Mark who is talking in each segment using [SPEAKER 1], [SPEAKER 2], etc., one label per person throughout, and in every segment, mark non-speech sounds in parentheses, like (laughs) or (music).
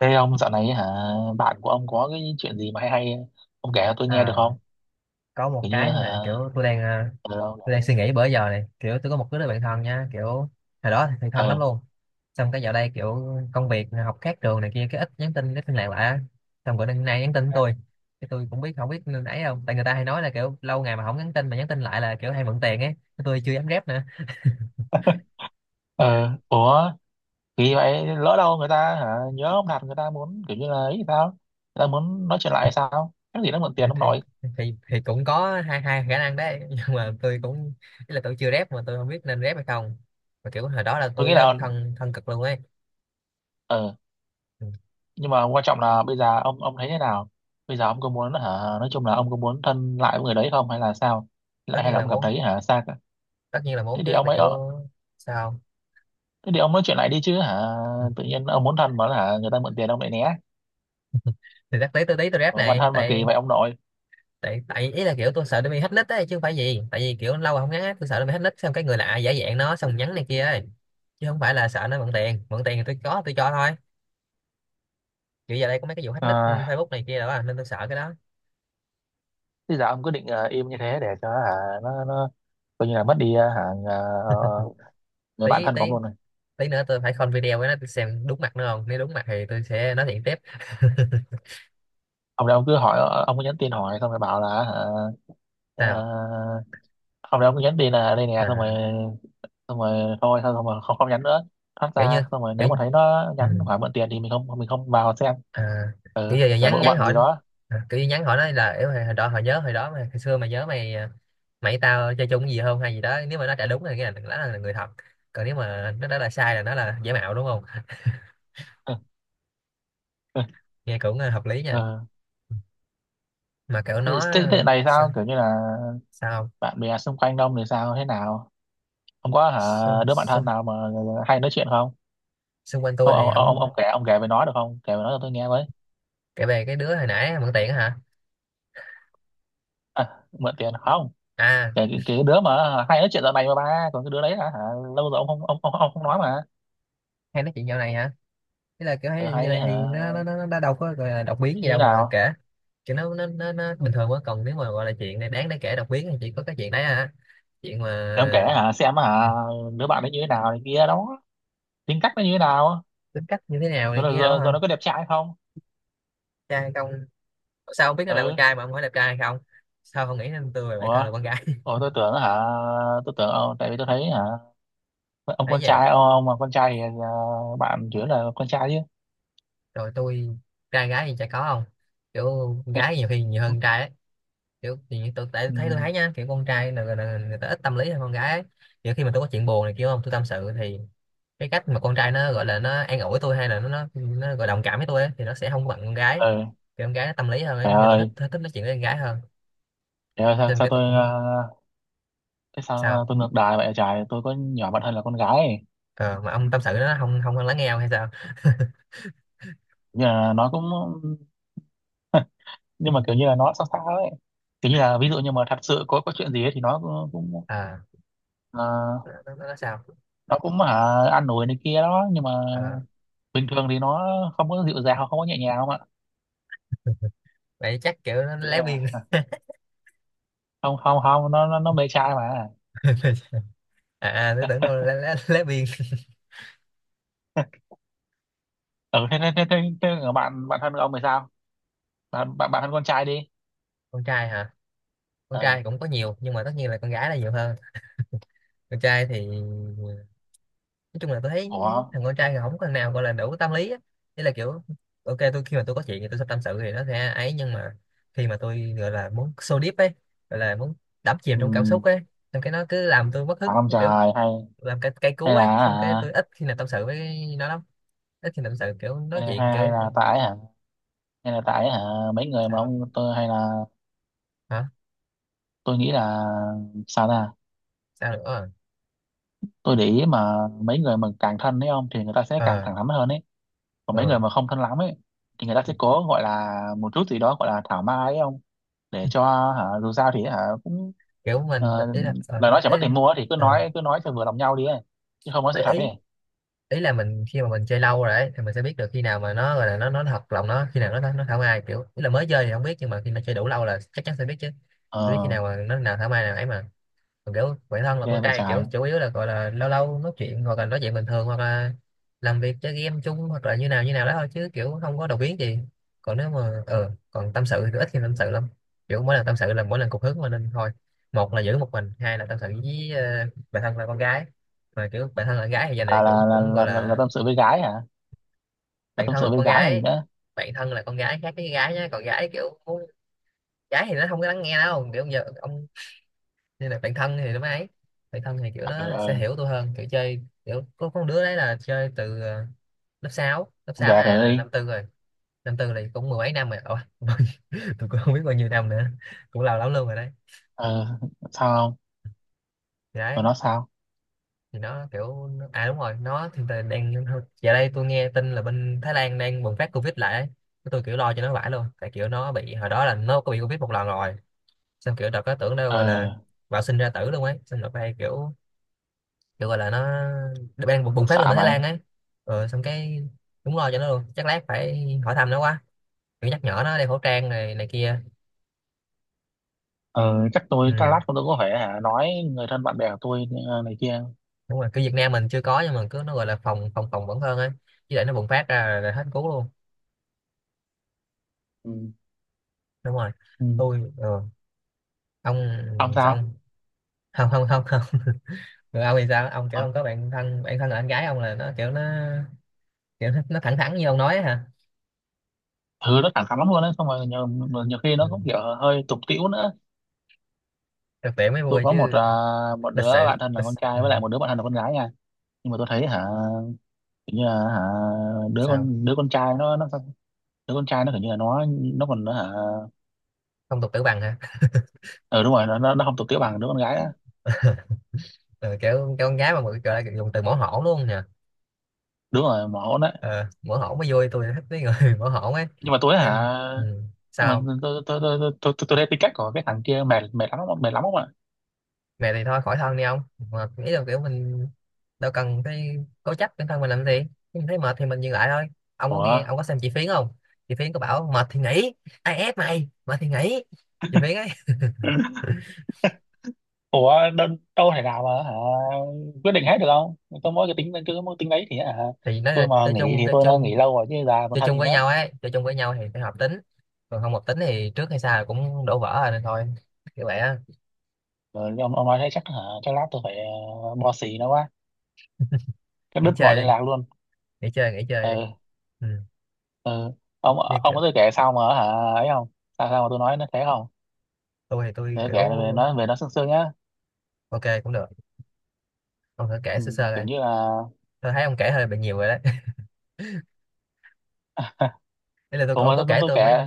[SPEAKER 1] Thế ông dạo này bạn của ông có cái chuyện gì mà hay hay ông kể cho tôi nghe được
[SPEAKER 2] à,
[SPEAKER 1] không?
[SPEAKER 2] có một
[SPEAKER 1] Kiểu như
[SPEAKER 2] cái như
[SPEAKER 1] hả
[SPEAKER 2] là kiểu tôi đang
[SPEAKER 1] ờ ông
[SPEAKER 2] tôi đang
[SPEAKER 1] nói-
[SPEAKER 2] suy nghĩ bữa giờ này. Kiểu tôi có một đứa bạn thân nha, kiểu hồi đó thì thân
[SPEAKER 1] ờ
[SPEAKER 2] lắm luôn, xong cái dạo đây kiểu công việc học khác trường này kia, cái ít nhắn tin ít liên lạc lại á. Xong bữa nay nhắn tin với tôi, cái tôi cũng biết không biết nên ấy không, tại người ta hay nói là kiểu lâu ngày mà không nhắn tin mà nhắn tin lại là kiểu hay mượn tiền ấy. Cái tôi chưa dám rep nữa.
[SPEAKER 1] ờ ủa Thì vậy lỡ đâu người ta nhớ ông đặt người ta muốn kiểu như là ấy thì sao? Người ta muốn nói chuyện lại hay sao? Cái gì nó mượn
[SPEAKER 2] thì
[SPEAKER 1] tiền ông
[SPEAKER 2] thì
[SPEAKER 1] nội.
[SPEAKER 2] thì, thì cũng có hai hai khả năng đấy, (laughs) nhưng mà tôi cũng, ý là tôi chưa rep mà tôi không biết nên rep hay không. Mà kiểu hồi đó là
[SPEAKER 1] Tôi
[SPEAKER 2] tôi
[SPEAKER 1] nghĩ
[SPEAKER 2] nó
[SPEAKER 1] là
[SPEAKER 2] thân thân cực luôn ấy.
[SPEAKER 1] ờ
[SPEAKER 2] Ừ,
[SPEAKER 1] nhưng mà quan trọng là bây giờ ông thấy thế nào? Bây giờ ông có muốn nói chung là ông có muốn thân lại với người đấy không hay là sao?
[SPEAKER 2] tất
[SPEAKER 1] Lại hay
[SPEAKER 2] nhiên
[SPEAKER 1] là
[SPEAKER 2] là
[SPEAKER 1] ông cảm
[SPEAKER 2] muốn,
[SPEAKER 1] thấy xa cả?
[SPEAKER 2] tất nhiên là muốn
[SPEAKER 1] Thế thì
[SPEAKER 2] chứ,
[SPEAKER 1] ông
[SPEAKER 2] tại
[SPEAKER 1] ấy
[SPEAKER 2] kiểu
[SPEAKER 1] ờ,
[SPEAKER 2] sao không?
[SPEAKER 1] Thế thì ông nói chuyện lại đi chứ
[SPEAKER 2] Ừ.
[SPEAKER 1] tự nhiên ông muốn thân mà người ta mượn tiền ông lại né.
[SPEAKER 2] Thì chắc tí tôi rep
[SPEAKER 1] Ủa, bản
[SPEAKER 2] này,
[SPEAKER 1] thân mà kỳ
[SPEAKER 2] tại
[SPEAKER 1] vậy ông nội.
[SPEAKER 2] tại tại ý là kiểu tôi sợ nó bị hack nick ấy, chứ không phải gì, tại vì kiểu lâu rồi không nhắn, tôi sợ nó bị hack nick xong cái người lạ giả dạng nó xong nhắn này kia ấy, chứ không phải là sợ nó mượn tiền. Mượn tiền thì tôi có tôi cho thôi. Kiểu giờ đây có mấy cái vụ hack nick ừ
[SPEAKER 1] à,
[SPEAKER 2] Facebook này kia đó à, nên tôi sợ cái đó.
[SPEAKER 1] Thế giờ ông cứ định im như thế để cho hả nó coi như là mất đi ờ, người bạn
[SPEAKER 2] Tí
[SPEAKER 1] thân của ông
[SPEAKER 2] tí
[SPEAKER 1] luôn này.
[SPEAKER 2] tí nữa tôi phải call video với nó, tôi xem đúng mặt nó không, nếu đúng mặt thì tôi sẽ nói chuyện tiếp.
[SPEAKER 1] Ông cứ hỏi, ông cứ nhắn tin hỏi xong rồi bảo là
[SPEAKER 2] (laughs)
[SPEAKER 1] ờ,
[SPEAKER 2] Sao
[SPEAKER 1] ông đây ông cứ nhắn tin là đây nè xong rồi,
[SPEAKER 2] à,
[SPEAKER 1] xong rồi thôi, xong xong rồi không không nhắn nữa, thoát
[SPEAKER 2] kiểu như
[SPEAKER 1] ra xong rồi
[SPEAKER 2] kiểu,
[SPEAKER 1] nếu mà thấy nó
[SPEAKER 2] ừ.
[SPEAKER 1] nhắn hỏi mượn tiền thì mình không vào xem.
[SPEAKER 2] à,
[SPEAKER 1] Ừ,
[SPEAKER 2] Kiểu giờ
[SPEAKER 1] giả
[SPEAKER 2] nhắn
[SPEAKER 1] bộ
[SPEAKER 2] nhắn
[SPEAKER 1] bận
[SPEAKER 2] hỏi,
[SPEAKER 1] gì đó.
[SPEAKER 2] kiểu như nhắn hỏi nó là kiểu hồi hồi đó hồi nhớ hồi đó mà hồi xưa mày nhớ mày mày với tao chơi chung cái gì không hay gì đó. Nếu mà nó trả đúng thì cái này đó là người thật, còn nếu mà nó đó là sai là nó là giả mạo đúng không.
[SPEAKER 1] (laughs) Ừ,
[SPEAKER 2] Nghe cũng hợp lý nha.
[SPEAKER 1] ừ.
[SPEAKER 2] Mà kiểu
[SPEAKER 1] Thế,
[SPEAKER 2] nó
[SPEAKER 1] thế thế này
[SPEAKER 2] sao
[SPEAKER 1] sao kiểu như là
[SPEAKER 2] sao.
[SPEAKER 1] bạn bè xung quanh đông thì sao thế nào? Ông có
[SPEAKER 2] xung,
[SPEAKER 1] đứa bạn thân
[SPEAKER 2] xung,
[SPEAKER 1] nào mà hay nói chuyện không?
[SPEAKER 2] Xung quanh tôi
[SPEAKER 1] Ông
[SPEAKER 2] thì
[SPEAKER 1] ông ông, ông
[SPEAKER 2] không.
[SPEAKER 1] kể ông kể về nó được không? Kể về nó cho tôi nghe với.
[SPEAKER 2] Kể về cái đứa hồi nãy mượn tiền á hả?
[SPEAKER 1] À, mượn tiền không?
[SPEAKER 2] À,
[SPEAKER 1] Kể cái đứa mà hay nói chuyện dạo này mà ba, còn cái đứa đấy hả? Lâu rồi ông không nói mà.
[SPEAKER 2] hay nói chuyện dạo này hả? Thế là kiểu
[SPEAKER 1] Ừ,
[SPEAKER 2] thấy như
[SPEAKER 1] hay
[SPEAKER 2] này
[SPEAKER 1] hả?
[SPEAKER 2] thì nó đã đâu có gọi là đột
[SPEAKER 1] Nó
[SPEAKER 2] biến gì
[SPEAKER 1] như thế
[SPEAKER 2] đâu mà
[SPEAKER 1] nào?
[SPEAKER 2] kể, chứ nó bình thường quá. Còn nếu mà gọi là chuyện này đáng để kể đọc biến thì chỉ có cái chuyện đấy à, chuyện mà.
[SPEAKER 1] Để ông kể xem
[SPEAKER 2] Ừ,
[SPEAKER 1] đứa bạn nó như thế nào này kia đó, tính cách nó như thế nào,
[SPEAKER 2] tính cách như thế nào
[SPEAKER 1] rồi
[SPEAKER 2] này
[SPEAKER 1] nó-
[SPEAKER 2] kia đó
[SPEAKER 1] rồi, rồi
[SPEAKER 2] hả,
[SPEAKER 1] nó có đẹp trai không?
[SPEAKER 2] trai hay không. Sao không biết nó là con
[SPEAKER 1] Ừ.
[SPEAKER 2] trai mà không hỏi đẹp trai hay không. Sao không nghĩ nên tôi và bạn thân là
[SPEAKER 1] Ủa,
[SPEAKER 2] con gái. (laughs)
[SPEAKER 1] ủa tôi tưởng tôi tưởng ông, tại vì tôi thấy hả ông
[SPEAKER 2] Thấy
[SPEAKER 1] con
[SPEAKER 2] vậy.
[SPEAKER 1] trai ông, ông mà con trai thì bạn chủ yếu là con trai chứ.
[SPEAKER 2] Rồi tôi, trai gái thì chả có không, kiểu con gái nhiều khi nhiều hơn
[SPEAKER 1] (laughs)
[SPEAKER 2] trai ấy. Kiểu thì như tôi, tại
[SPEAKER 1] Ừ.
[SPEAKER 2] thấy tôi thấy nha, kiểu con trai là người ta ít tâm lý hơn con gái ấy. Kiểu khi mà tôi có chuyện buồn này kia không, tôi tâm sự thì cái cách mà con trai nó gọi là nó an ủi tôi hay là nó gọi đồng cảm với tôi ấy, thì nó sẽ không có bằng con gái.
[SPEAKER 1] Ê,
[SPEAKER 2] Thì con gái nó tâm lý hơn ấy,
[SPEAKER 1] mẹ
[SPEAKER 2] nên tôi thích,
[SPEAKER 1] ơi,
[SPEAKER 2] thích nói chuyện với con gái hơn.
[SPEAKER 1] mẹ ơi
[SPEAKER 2] Cho
[SPEAKER 1] sao,
[SPEAKER 2] nên
[SPEAKER 1] sao
[SPEAKER 2] cái tôi
[SPEAKER 1] tôi
[SPEAKER 2] cũng
[SPEAKER 1] ờ, cái sao
[SPEAKER 2] sao.
[SPEAKER 1] tôi ngược đài vậy trời, tôi có nhỏ bạn thân là con gái ấy.
[SPEAKER 2] Ờ, mà ông tâm sự nó không không lắng nghe ông hay sao. (laughs)
[SPEAKER 1] Như là nó cũng, nhưng mà kiểu như là nó sao sao ấy. Kiểu như là ví dụ như mà thật sự có chuyện gì ấy, thì
[SPEAKER 2] Ờ,
[SPEAKER 1] ờ,
[SPEAKER 2] nó sao.
[SPEAKER 1] nó cũng ăn nổi này kia đó, nhưng mà
[SPEAKER 2] ờ,
[SPEAKER 1] bình thường thì nó không có dịu dàng, không có nhẹ nhàng không ạ.
[SPEAKER 2] Vậy chắc kiểu nó
[SPEAKER 1] Kiểu như
[SPEAKER 2] lé
[SPEAKER 1] là
[SPEAKER 2] biên.
[SPEAKER 1] không không không nó mê trai mà.
[SPEAKER 2] (laughs) À tôi tưởng đâu là lé biên.
[SPEAKER 1] (laughs) Ừ thế thế thế thế, thế ở bạn bạn thân ông thì sao? Bạn bạn bạn thân con trai đi.
[SPEAKER 2] (laughs) Con trai hả, con
[SPEAKER 1] Ừ.
[SPEAKER 2] trai cũng có nhiều nhưng mà tất nhiên là con gái là nhiều hơn. Con trai thì nói chung là tôi thấy
[SPEAKER 1] Ủa.
[SPEAKER 2] thằng con trai thì không có thằng nào gọi là đủ tâm lý á. Thế là kiểu ok, tôi khi mà tôi có chuyện thì tôi sẽ tâm sự thì nó sẽ ấy, nhưng mà khi mà tôi gọi là muốn so deep ấy, gọi là muốn đắm chìm
[SPEAKER 1] Ừ.
[SPEAKER 2] trong cảm xúc ấy, xong cái nó cứ làm tôi mất
[SPEAKER 1] Phải
[SPEAKER 2] hứng.
[SPEAKER 1] không
[SPEAKER 2] Kiểu
[SPEAKER 1] trời, hay
[SPEAKER 2] làm cái cây cú
[SPEAKER 1] hay
[SPEAKER 2] ấy, xong cái tôi
[SPEAKER 1] là
[SPEAKER 2] ít khi nào tâm sự với nó lắm. Ít khi nào tâm sự kiểu nói
[SPEAKER 1] hay
[SPEAKER 2] chuyện
[SPEAKER 1] hay
[SPEAKER 2] kiểu
[SPEAKER 1] hay là tại hả, là tại mấy người mà
[SPEAKER 2] sao
[SPEAKER 1] ông tôi hay là
[SPEAKER 2] hả,
[SPEAKER 1] tôi nghĩ là, sao ta,
[SPEAKER 2] sao nữa
[SPEAKER 1] tôi để ý mà mấy người mà càng thân ấy ông thì người ta sẽ càng
[SPEAKER 2] ờ
[SPEAKER 1] thẳng thắn hơn ấy, còn mấy người
[SPEAKER 2] ờ."
[SPEAKER 1] mà không thân lắm ấy thì người ta sẽ cố gọi là một chút gì đó gọi là thảo mai ấy ông, để cho dù sao thì cũng,
[SPEAKER 2] Kiểu mình
[SPEAKER 1] ờ,
[SPEAKER 2] ý là ờ
[SPEAKER 1] lời nói chẳng
[SPEAKER 2] ý,
[SPEAKER 1] mất tiền mua ấy, thì cứ
[SPEAKER 2] ờ,
[SPEAKER 1] nói cứ nói cho vừa lòng nhau đi ấy chứ không có sự
[SPEAKER 2] mấy
[SPEAKER 1] thật
[SPEAKER 2] ý
[SPEAKER 1] ấy.
[SPEAKER 2] ý là mình khi mà mình chơi lâu rồi ấy, thì mình sẽ biết được khi nào mà nó gọi là nó thật lòng nó, khi nào nó thảo mai. Kiểu ý là mới chơi thì không biết nhưng mà khi nó chơi đủ lâu là chắc chắn sẽ biết chứ. Biết khi
[SPEAKER 1] Ờ,
[SPEAKER 2] nào mà nó nào thảo mai nào ấy mà. Còn kiểu bản thân là
[SPEAKER 1] ghê
[SPEAKER 2] con
[SPEAKER 1] vậy
[SPEAKER 2] trai kiểu
[SPEAKER 1] trái.
[SPEAKER 2] chủ yếu là gọi là lâu lâu nói chuyện hoặc là nói chuyện bình thường hoặc là làm việc chơi game chung hoặc là như nào đó thôi, chứ kiểu không có đầu biến gì. Còn nếu mà còn tâm sự thì ít khi tâm sự lắm, kiểu mỗi lần tâm sự là mỗi lần cục hứng mà nên thôi. Một là giữ một mình, hai là tâm sự với bạn thân là con gái. Mà kiểu bạn thân là con gái thì giờ này
[SPEAKER 1] À
[SPEAKER 2] cũng
[SPEAKER 1] là là,
[SPEAKER 2] cũng gọi
[SPEAKER 1] là là là
[SPEAKER 2] là
[SPEAKER 1] tâm sự với gái hả? Là
[SPEAKER 2] bạn
[SPEAKER 1] tâm
[SPEAKER 2] thân là
[SPEAKER 1] sự với
[SPEAKER 2] con
[SPEAKER 1] gái còn gì
[SPEAKER 2] gái.
[SPEAKER 1] nữa.
[SPEAKER 2] Bạn thân là con gái khác với gái nhé, còn gái kiểu muốn-, gái thì nó không có lắng nghe đâu kiểu giờ ông. Nên là bạn thân thì nó mới ấy, bạn thân thì kiểu
[SPEAKER 1] Ờ
[SPEAKER 2] nó sẽ
[SPEAKER 1] ờ,
[SPEAKER 2] hiểu tôi hơn. Kiểu chơi kiểu có con đứa đấy là chơi từ lớp sáu lớp
[SPEAKER 1] không
[SPEAKER 2] sáu
[SPEAKER 1] gạt
[SPEAKER 2] này
[SPEAKER 1] rồi
[SPEAKER 2] là
[SPEAKER 1] đi.
[SPEAKER 2] năm tư rồi. Năm tư là cũng mười mấy năm rồi. Ủa, (laughs) tôi cũng không biết bao nhiêu năm nữa, cũng lâu lắm luôn rồi đấy.
[SPEAKER 1] Ờ, sao không?
[SPEAKER 2] Thì
[SPEAKER 1] Rồi
[SPEAKER 2] đấy,
[SPEAKER 1] nó sao?
[SPEAKER 2] thì nó kiểu nó-, à đúng rồi, nó thì tại đang, giờ đây tôi nghe tin là bên Thái Lan đang bùng phát Covid lại ấy. Cái tôi kiểu lo cho nó vãi luôn, tại kiểu nó bị, hồi đó là nó có bị Covid một lần rồi, xong kiểu đợt có tưởng đâu gọi là
[SPEAKER 1] Ờ,
[SPEAKER 2] bạo sinh ra tử luôn ấy. Xong đợt đây kiểu được gọi là nó đang bùng bùng phát lên
[SPEAKER 1] xạ
[SPEAKER 2] ở Thái
[SPEAKER 1] mày.
[SPEAKER 2] Lan ấy. Ờ, xong cái đúng lo cho nó luôn, chắc lát phải hỏi thăm nó quá, kiểu nhắc nhở nó đeo khẩu trang này này kia.
[SPEAKER 1] Ờ, chắc tôi chắc
[SPEAKER 2] Ừ
[SPEAKER 1] lát tôi có phải nói người thân bạn bè của tôi này kia.
[SPEAKER 2] đúng rồi, cứ Việt Nam mình chưa có nhưng mà cứ nó gọi là phòng phòng phòng vẫn hơn ấy, chứ để nó bùng phát ra là hết cứu luôn.
[SPEAKER 1] Ừ.
[SPEAKER 2] Đúng rồi.
[SPEAKER 1] Ừ.
[SPEAKER 2] Tôi ông
[SPEAKER 1] Ông
[SPEAKER 2] sao
[SPEAKER 1] sao?
[SPEAKER 2] ông, không không không không. (laughs) Rồi ông thì sao ông, kiểu
[SPEAKER 1] Ờ,
[SPEAKER 2] ông có bạn thân, bạn thân là anh gái ông là nó kiểu nó, kiểu nó thẳng thắn như ông nói ấy, hả.
[SPEAKER 1] thứ nó thẳng thắn lắm luôn đấy, xong rồi nhiều, nhiều khi nó
[SPEAKER 2] Ừ.
[SPEAKER 1] cũng kiểu hơi tục tĩu nữa.
[SPEAKER 2] Thực tiễn mới
[SPEAKER 1] Tôi
[SPEAKER 2] vui
[SPEAKER 1] có một
[SPEAKER 2] chứ.
[SPEAKER 1] một đứa
[SPEAKER 2] Lịch sự,
[SPEAKER 1] bạn thân là
[SPEAKER 2] lịch...
[SPEAKER 1] con trai
[SPEAKER 2] Ừ.
[SPEAKER 1] với lại một đứa bạn thân là con gái nha, nhưng mà tôi thấy kiểu như là hả
[SPEAKER 2] Sao,
[SPEAKER 1] đứa con trai nó, đứa con trai nó kiểu như là nó còn hả
[SPEAKER 2] phong tục tử bằng hả?
[SPEAKER 1] ờ đúng rồi, nó không tục tĩu bằng đứa con gái á.
[SPEAKER 2] (laughs) Ờ, kiểu kiểu con gái mà mọi gọi là dùng từ mỏ hổn luôn nè.
[SPEAKER 1] Đúng rồi mà hỗn đấy.
[SPEAKER 2] Ờ, mỏ hổn mới vui, tôi thích mấy người (laughs) mỏ hổn ấy.
[SPEAKER 1] Nhưng mà tôi
[SPEAKER 2] Thế em-, ừ.
[SPEAKER 1] nhưng mà
[SPEAKER 2] Sao.
[SPEAKER 1] tôi thấy tính cách của cái thằng kia mệt, mệt lắm không ạ?
[SPEAKER 2] Mẹ thì thôi khỏi thân đi ông, mà nghĩ là kiểu mình đâu cần cái cố chấp bản thân mình làm gì. Khi mình thấy mệt thì mình dừng lại thôi. Ông có
[SPEAKER 1] ủa
[SPEAKER 2] nghe ông có xem chị Phiến không? Chị Phiến có bảo mệt thì nghỉ, ai ép mày, mệt thì nghỉ, chị Phiến ấy.
[SPEAKER 1] ủa đâu, đâu thể nào mà quyết định hết được không? Tôi mỗi cái tính cứ mỗi tính đấy thì
[SPEAKER 2] Thì nói là
[SPEAKER 1] tôi mà
[SPEAKER 2] chơi
[SPEAKER 1] nghỉ
[SPEAKER 2] chung
[SPEAKER 1] thì
[SPEAKER 2] chơi
[SPEAKER 1] tôi đã
[SPEAKER 2] chung
[SPEAKER 1] nghỉ lâu rồi chứ già còn
[SPEAKER 2] chơi
[SPEAKER 1] thân
[SPEAKER 2] chung
[SPEAKER 1] gì
[SPEAKER 2] với
[SPEAKER 1] nữa.
[SPEAKER 2] nhau ấy, chơi chung với nhau thì phải hợp tính. Còn không hợp tính thì trước hay sau cũng đổ vỡ rồi nên thôi, kiểu vậy á.
[SPEAKER 1] Rồi ông nói thế chắc chắc lát tôi phải bo xì nó quá, cắt
[SPEAKER 2] Nghỉ
[SPEAKER 1] đứt mọi
[SPEAKER 2] chơi
[SPEAKER 1] liên
[SPEAKER 2] đi,
[SPEAKER 1] lạc luôn.
[SPEAKER 2] nghỉ chơi đi.
[SPEAKER 1] Ừ.
[SPEAKER 2] Ừ.
[SPEAKER 1] Ừ. ông
[SPEAKER 2] Như
[SPEAKER 1] ông
[SPEAKER 2] kiểu
[SPEAKER 1] có tôi kể sao mà ấy không, sao sao mà tôi nói nó thế không,
[SPEAKER 2] tôi thì tôi
[SPEAKER 1] để
[SPEAKER 2] kiểu,
[SPEAKER 1] kể về nó, về nó sương sương nhá.
[SPEAKER 2] ok cũng được, ông thử kể
[SPEAKER 1] Ừ,
[SPEAKER 2] sơ sơ
[SPEAKER 1] kiểu
[SPEAKER 2] đây.
[SPEAKER 1] như là.
[SPEAKER 2] Tôi thấy ông kể hơi bị nhiều rồi đấy.
[SPEAKER 1] (laughs)
[SPEAKER 2] (laughs) Ý là tôi,
[SPEAKER 1] Ủa mà
[SPEAKER 2] ông có
[SPEAKER 1] tôi, tôi,
[SPEAKER 2] kể
[SPEAKER 1] tôi
[SPEAKER 2] tôi mấy,
[SPEAKER 1] kể,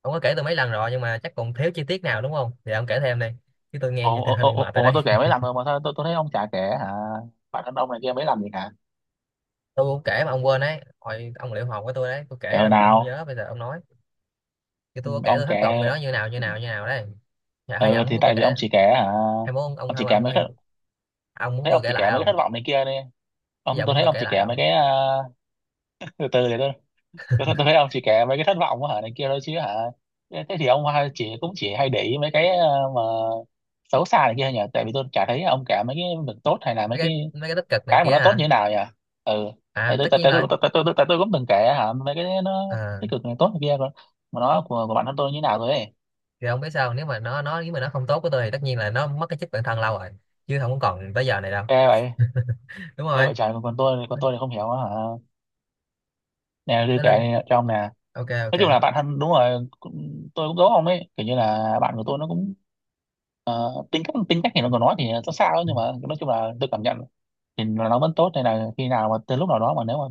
[SPEAKER 2] ông có kể tôi mấy lần rồi nhưng mà chắc còn thiếu chi tiết nào đúng không thì ông kể thêm đi, chứ tôi nghe vậy
[SPEAKER 1] ủa,
[SPEAKER 2] thì (laughs)
[SPEAKER 1] ủa,
[SPEAKER 2] hơi bị
[SPEAKER 1] ủa,
[SPEAKER 2] mệt rồi
[SPEAKER 1] ủa mà
[SPEAKER 2] đấy.
[SPEAKER 1] tôi kể mấy lần rồi mà sao tôi thấy ông chả kể bản thân ông này kia mấy lần gì hả.
[SPEAKER 2] (laughs) Tôi cũng kể mà ông quên đấy, hồi ông liệu hồn với tôi đấy tôi
[SPEAKER 1] Kể
[SPEAKER 2] kể
[SPEAKER 1] hồi
[SPEAKER 2] rồi mà ông không
[SPEAKER 1] nào?
[SPEAKER 2] nhớ bây giờ ông nói. Thì
[SPEAKER 1] Ừ,
[SPEAKER 2] tôi có kể
[SPEAKER 1] ông
[SPEAKER 2] tôi
[SPEAKER 1] kể.
[SPEAKER 2] thất vọng rồi nó như nào như nào như nào đấy. Dạ hay giờ
[SPEAKER 1] Ừ
[SPEAKER 2] ông
[SPEAKER 1] thì
[SPEAKER 2] muốn tôi
[SPEAKER 1] tại vì ông
[SPEAKER 2] kể,
[SPEAKER 1] chỉ kể hả
[SPEAKER 2] hay muốn ông,
[SPEAKER 1] ông
[SPEAKER 2] hay
[SPEAKER 1] chỉ kể
[SPEAKER 2] ông
[SPEAKER 1] mấy
[SPEAKER 2] ông
[SPEAKER 1] cái thất-
[SPEAKER 2] ông muốn
[SPEAKER 1] thấy
[SPEAKER 2] tôi
[SPEAKER 1] ông
[SPEAKER 2] kể
[SPEAKER 1] chỉ
[SPEAKER 2] lại
[SPEAKER 1] kể mấy cái
[SPEAKER 2] không,
[SPEAKER 1] thất vọng này kia đi,
[SPEAKER 2] bây
[SPEAKER 1] ông
[SPEAKER 2] giờ ông
[SPEAKER 1] tôi
[SPEAKER 2] muốn
[SPEAKER 1] thấy
[SPEAKER 2] tôi
[SPEAKER 1] ông
[SPEAKER 2] kể
[SPEAKER 1] chỉ
[SPEAKER 2] lại
[SPEAKER 1] kể mấy
[SPEAKER 2] không?
[SPEAKER 1] cái à, từ từ để tôi thấy ông chỉ kể mấy cái thất vọng này kia thôi chứ thế thế thì ông hay- chỉ cũng chỉ hay để ý mấy cái à, mà xấu xa này kia nhỉ, tại vì tôi chả thấy ông kể mấy cái việc tốt hay là mấy
[SPEAKER 2] Mấy cái,
[SPEAKER 1] cái
[SPEAKER 2] mấy cái tích cực này
[SPEAKER 1] cái mà
[SPEAKER 2] kia
[SPEAKER 1] nó tốt
[SPEAKER 2] hả.
[SPEAKER 1] như thế nào nhỉ. Ừ, tại
[SPEAKER 2] À tất nhiên rồi.
[SPEAKER 1] tôi cũng từng kể mấy cái nó
[SPEAKER 2] Ờ
[SPEAKER 1] tích cực này tốt này kia, còn mà nó của bản thân tôi như thế nào rồi ấy.
[SPEAKER 2] thì không biết sao, nếu mà nó nếu mà nó không tốt với tôi thì tất nhiên là nó mất cái chất bản thân lâu rồi, chứ không còn tới giờ này đâu.
[SPEAKER 1] Ghê vậy.
[SPEAKER 2] (laughs) Đúng
[SPEAKER 1] Ghê
[SPEAKER 2] rồi.
[SPEAKER 1] vậy trời, còn còn tôi thì không hiểu á hả. Nè tôi
[SPEAKER 2] Nó
[SPEAKER 1] kể
[SPEAKER 2] lên,
[SPEAKER 1] này, cho ông nè.
[SPEAKER 2] ok ok.
[SPEAKER 1] Nói chung là bạn thân đúng rồi cũng- tôi cũng giấu ông ấy, kiểu như là bạn của tôi nó cũng, tính cách thì nó còn nói thì sao sao ấy,
[SPEAKER 2] Ừ.
[SPEAKER 1] nhưng mà nói chung là tôi cảm nhận thì nó vẫn tốt, nên là khi nào mà từ lúc nào đó mà nếu mà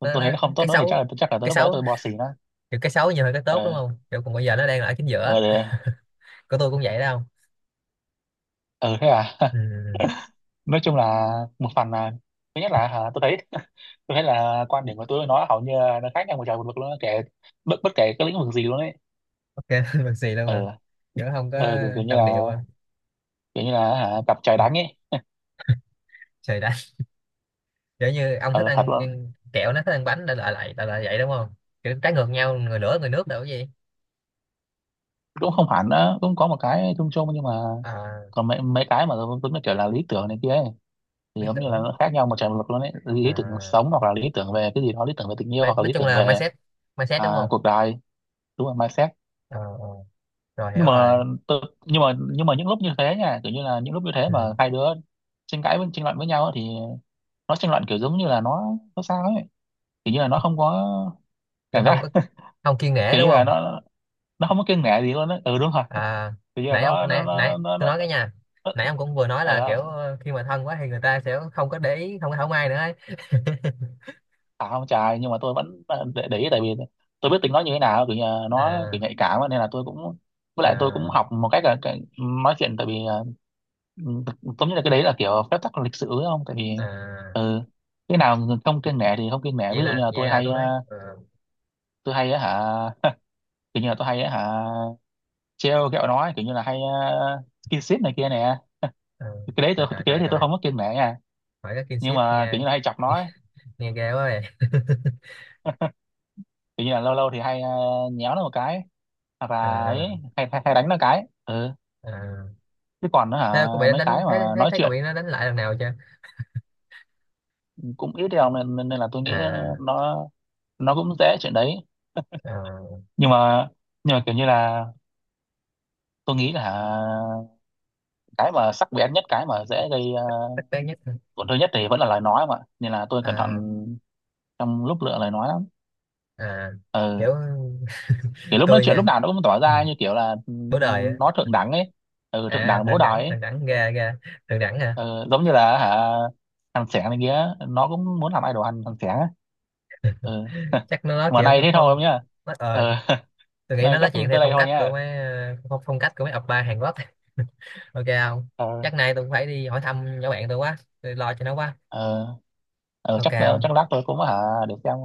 [SPEAKER 1] tôi,
[SPEAKER 2] nó,
[SPEAKER 1] tôi
[SPEAKER 2] nó,
[SPEAKER 1] thấy nó không tốt
[SPEAKER 2] cái
[SPEAKER 1] nữa thì chắc
[SPEAKER 2] xấu,
[SPEAKER 1] là chắc là tới
[SPEAKER 2] cái
[SPEAKER 1] lúc đó
[SPEAKER 2] xấu,
[SPEAKER 1] tôi bỏ xỉ nó.
[SPEAKER 2] kiểu cái xấu nhiều hơn cái tốt đúng
[SPEAKER 1] ờ
[SPEAKER 2] không, kiểu còn bây giờ nó đang là ở chính giữa.
[SPEAKER 1] ờ để-
[SPEAKER 2] Của tôi cũng vậy đâu.
[SPEAKER 1] ờ Thế à?
[SPEAKER 2] Ừ. Ừ.
[SPEAKER 1] Nói chung là một phần là thứ nhất là tôi thấy (laughs) tôi thấy là quan điểm của tôi với nó hầu như là nó khác nhau một trời một vực luôn á, kể bất bất kể cái lĩnh vực gì luôn ấy.
[SPEAKER 2] Ok (laughs) bằng xì luôn à,
[SPEAKER 1] ờ
[SPEAKER 2] giữa không có
[SPEAKER 1] ờ kiểu, kiểu như là
[SPEAKER 2] đồng điệu à.
[SPEAKER 1] kiểu như là cặp trời đánh ấy.
[SPEAKER 2] Trời đất, kiểu như ông thích
[SPEAKER 1] Ờ, thật
[SPEAKER 2] ăn
[SPEAKER 1] luôn.
[SPEAKER 2] kẹo nó thích ăn bánh đã lại lại lại lại vậy đúng không, kiểu trái ngược nhau người lửa người nước đâu cái gì.
[SPEAKER 1] Cũng không hẳn đó, cũng có một cái chung chung, nhưng mà
[SPEAKER 2] à,
[SPEAKER 1] còn mấy mấy cái mà tôi nó kiểu là lý tưởng này kia ấy thì
[SPEAKER 2] Lý
[SPEAKER 1] giống như là
[SPEAKER 2] tưởng,
[SPEAKER 1] nó khác nhau một trời một vực luôn ấy, lý tưởng cuộc
[SPEAKER 2] à,
[SPEAKER 1] sống hoặc là lý tưởng về cái gì đó, lý tưởng về tình yêu,
[SPEAKER 2] mai-,
[SPEAKER 1] hoặc là
[SPEAKER 2] nói
[SPEAKER 1] lý
[SPEAKER 2] chung
[SPEAKER 1] tưởng
[SPEAKER 2] là
[SPEAKER 1] về
[SPEAKER 2] mindset, mindset đúng không.
[SPEAKER 1] cuộc đời. Đúng rồi, mindset.
[SPEAKER 2] Ờ, ờ. Rồi
[SPEAKER 1] Nhưng
[SPEAKER 2] hiểu
[SPEAKER 1] mà
[SPEAKER 2] rồi.
[SPEAKER 1] tự, nhưng mà những lúc như thế nha, kiểu như là những lúc như thế mà
[SPEAKER 2] Ừ.
[SPEAKER 1] hai đứa tranh cãi, với tranh luận với nhau á, thì nó tranh luận kiểu giống như là nó sao ấy, kiểu như là nó không có
[SPEAKER 2] Chứ
[SPEAKER 1] cảm
[SPEAKER 2] không
[SPEAKER 1] giác,
[SPEAKER 2] có, không kiêng nể
[SPEAKER 1] kiểu như
[SPEAKER 2] đúng
[SPEAKER 1] là
[SPEAKER 2] không.
[SPEAKER 1] nó không có kiêng nể gì luôn á, ừ đúng rồi,
[SPEAKER 2] À
[SPEAKER 1] kiểu như là
[SPEAKER 2] nãy ông, nãy nãy tôi nói cái nha, nãy
[SPEAKER 1] nó,
[SPEAKER 2] ông cũng vừa nói là
[SPEAKER 1] ờ,
[SPEAKER 2] kiểu khi mà thân quá thì người ta sẽ không có để ý, không có thảo mai nữa ấy. (laughs)
[SPEAKER 1] À không trời, nhưng mà tôi vẫn để ý, tại vì tôi biết tính nó như thế nào, kiểu như là nó
[SPEAKER 2] à,
[SPEAKER 1] kiểu nhạy cảm á, nên là tôi cũng, với lại tôi cũng
[SPEAKER 2] à,
[SPEAKER 1] học một cách là cái, nói chuyện, tại vì giống như là cái đấy là kiểu phép tắc lịch sử ấy không, tại vì
[SPEAKER 2] à.
[SPEAKER 1] ừ, cái nào không kiêng nể thì không kiêng nể.
[SPEAKER 2] Vậy
[SPEAKER 1] Ví dụ như
[SPEAKER 2] là
[SPEAKER 1] là
[SPEAKER 2] vậy
[SPEAKER 1] tôi
[SPEAKER 2] là
[SPEAKER 1] hay
[SPEAKER 2] tôi nói
[SPEAKER 1] ờ, tôi hay á hả kiểu như là tôi hay á hả trêu ghẹo nói kiểu như là hay skin ship này kia nè,
[SPEAKER 2] ờ.
[SPEAKER 1] cái đấy
[SPEAKER 2] trời
[SPEAKER 1] tôi
[SPEAKER 2] trời
[SPEAKER 1] cái đấy
[SPEAKER 2] trời
[SPEAKER 1] thì tôi
[SPEAKER 2] trời.
[SPEAKER 1] không có kiêng nể nha.
[SPEAKER 2] Hỏi cái
[SPEAKER 1] Nhưng
[SPEAKER 2] kinship
[SPEAKER 1] mà kiểu
[SPEAKER 2] nghe,
[SPEAKER 1] như là hay chọc
[SPEAKER 2] nghe,
[SPEAKER 1] nói
[SPEAKER 2] nghe ghê quá vậy. (laughs)
[SPEAKER 1] kiểu như là lâu lâu thì hay nhéo nó một cái. À, và ấy
[SPEAKER 2] à,
[SPEAKER 1] hay đánh nó cái. Ừ,
[SPEAKER 2] à.
[SPEAKER 1] chứ còn nó
[SPEAKER 2] Thế cô bị đánh
[SPEAKER 1] mấy
[SPEAKER 2] đánh
[SPEAKER 1] cái mà
[SPEAKER 2] thấy thấy
[SPEAKER 1] nói
[SPEAKER 2] thấy cậu
[SPEAKER 1] chuyện
[SPEAKER 2] bị nó đánh lại lần nào chưa.
[SPEAKER 1] cũng ít đâu, nên, nên là tôi nghĩ
[SPEAKER 2] à,
[SPEAKER 1] nó nó cũng dễ chuyện đấy.
[SPEAKER 2] à.
[SPEAKER 1] Nhưng mà nhưng mà kiểu như là tôi nghĩ là cái mà sắc bén nhất, cái mà dễ gây
[SPEAKER 2] Thích bé nhất hả?
[SPEAKER 1] tổn thương nhất thì vẫn là lời nói mà, nên là tôi cẩn thận
[SPEAKER 2] à,
[SPEAKER 1] trong lúc lựa lời nói lắm.
[SPEAKER 2] à.
[SPEAKER 1] Ừ,
[SPEAKER 2] Kiểu
[SPEAKER 1] kiểu
[SPEAKER 2] (laughs)
[SPEAKER 1] lúc nói
[SPEAKER 2] tôi
[SPEAKER 1] chuyện
[SPEAKER 2] nha,
[SPEAKER 1] lúc nào nó cũng tỏ
[SPEAKER 2] ừ.
[SPEAKER 1] ra như kiểu là
[SPEAKER 2] Bố đời á.
[SPEAKER 1] nó thượng đẳng ấy. Ừ, thượng
[SPEAKER 2] À
[SPEAKER 1] đẳng bố
[SPEAKER 2] thượng đẳng,
[SPEAKER 1] đòi ấy.
[SPEAKER 2] thượng đẳng ra ra, thượng đẳng hả.
[SPEAKER 1] Ờ, giống như là thằng Sẻng này kia, nó cũng muốn làm idol thằng thằng Sẻng á. Ừ. (laughs)
[SPEAKER 2] Chắc nó nói
[SPEAKER 1] Mà
[SPEAKER 2] chuyện
[SPEAKER 1] nay
[SPEAKER 2] theo
[SPEAKER 1] thế thôi
[SPEAKER 2] phong,
[SPEAKER 1] không nhá.
[SPEAKER 2] nó ờ,
[SPEAKER 1] Ờ. (laughs)
[SPEAKER 2] tôi nghĩ
[SPEAKER 1] Nay
[SPEAKER 2] nó nói
[SPEAKER 1] chắc
[SPEAKER 2] chuyện theo
[SPEAKER 1] tới đây
[SPEAKER 2] phong
[SPEAKER 1] thôi
[SPEAKER 2] cách của
[SPEAKER 1] nha.
[SPEAKER 2] mấy phong cách của mấy oppa Hàn Quốc. (laughs) Ok không.
[SPEAKER 1] Ờ.
[SPEAKER 2] Chắc nay tôi cũng phải đi hỏi thăm nhỏ bạn tôi quá, tôi lo cho nó quá.
[SPEAKER 1] Ờ, ờ,
[SPEAKER 2] Ok
[SPEAKER 1] chắc
[SPEAKER 2] không.
[SPEAKER 1] chắc lát tôi cũng để xem.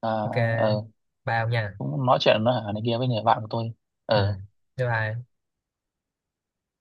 [SPEAKER 1] Ờ.
[SPEAKER 2] Ok.
[SPEAKER 1] Ờ,
[SPEAKER 2] Bao nha.
[SPEAKER 1] cũng nói chuyện nó này kia với người bạn của tôi.
[SPEAKER 2] Ừ,
[SPEAKER 1] Ờ.
[SPEAKER 2] bye bye.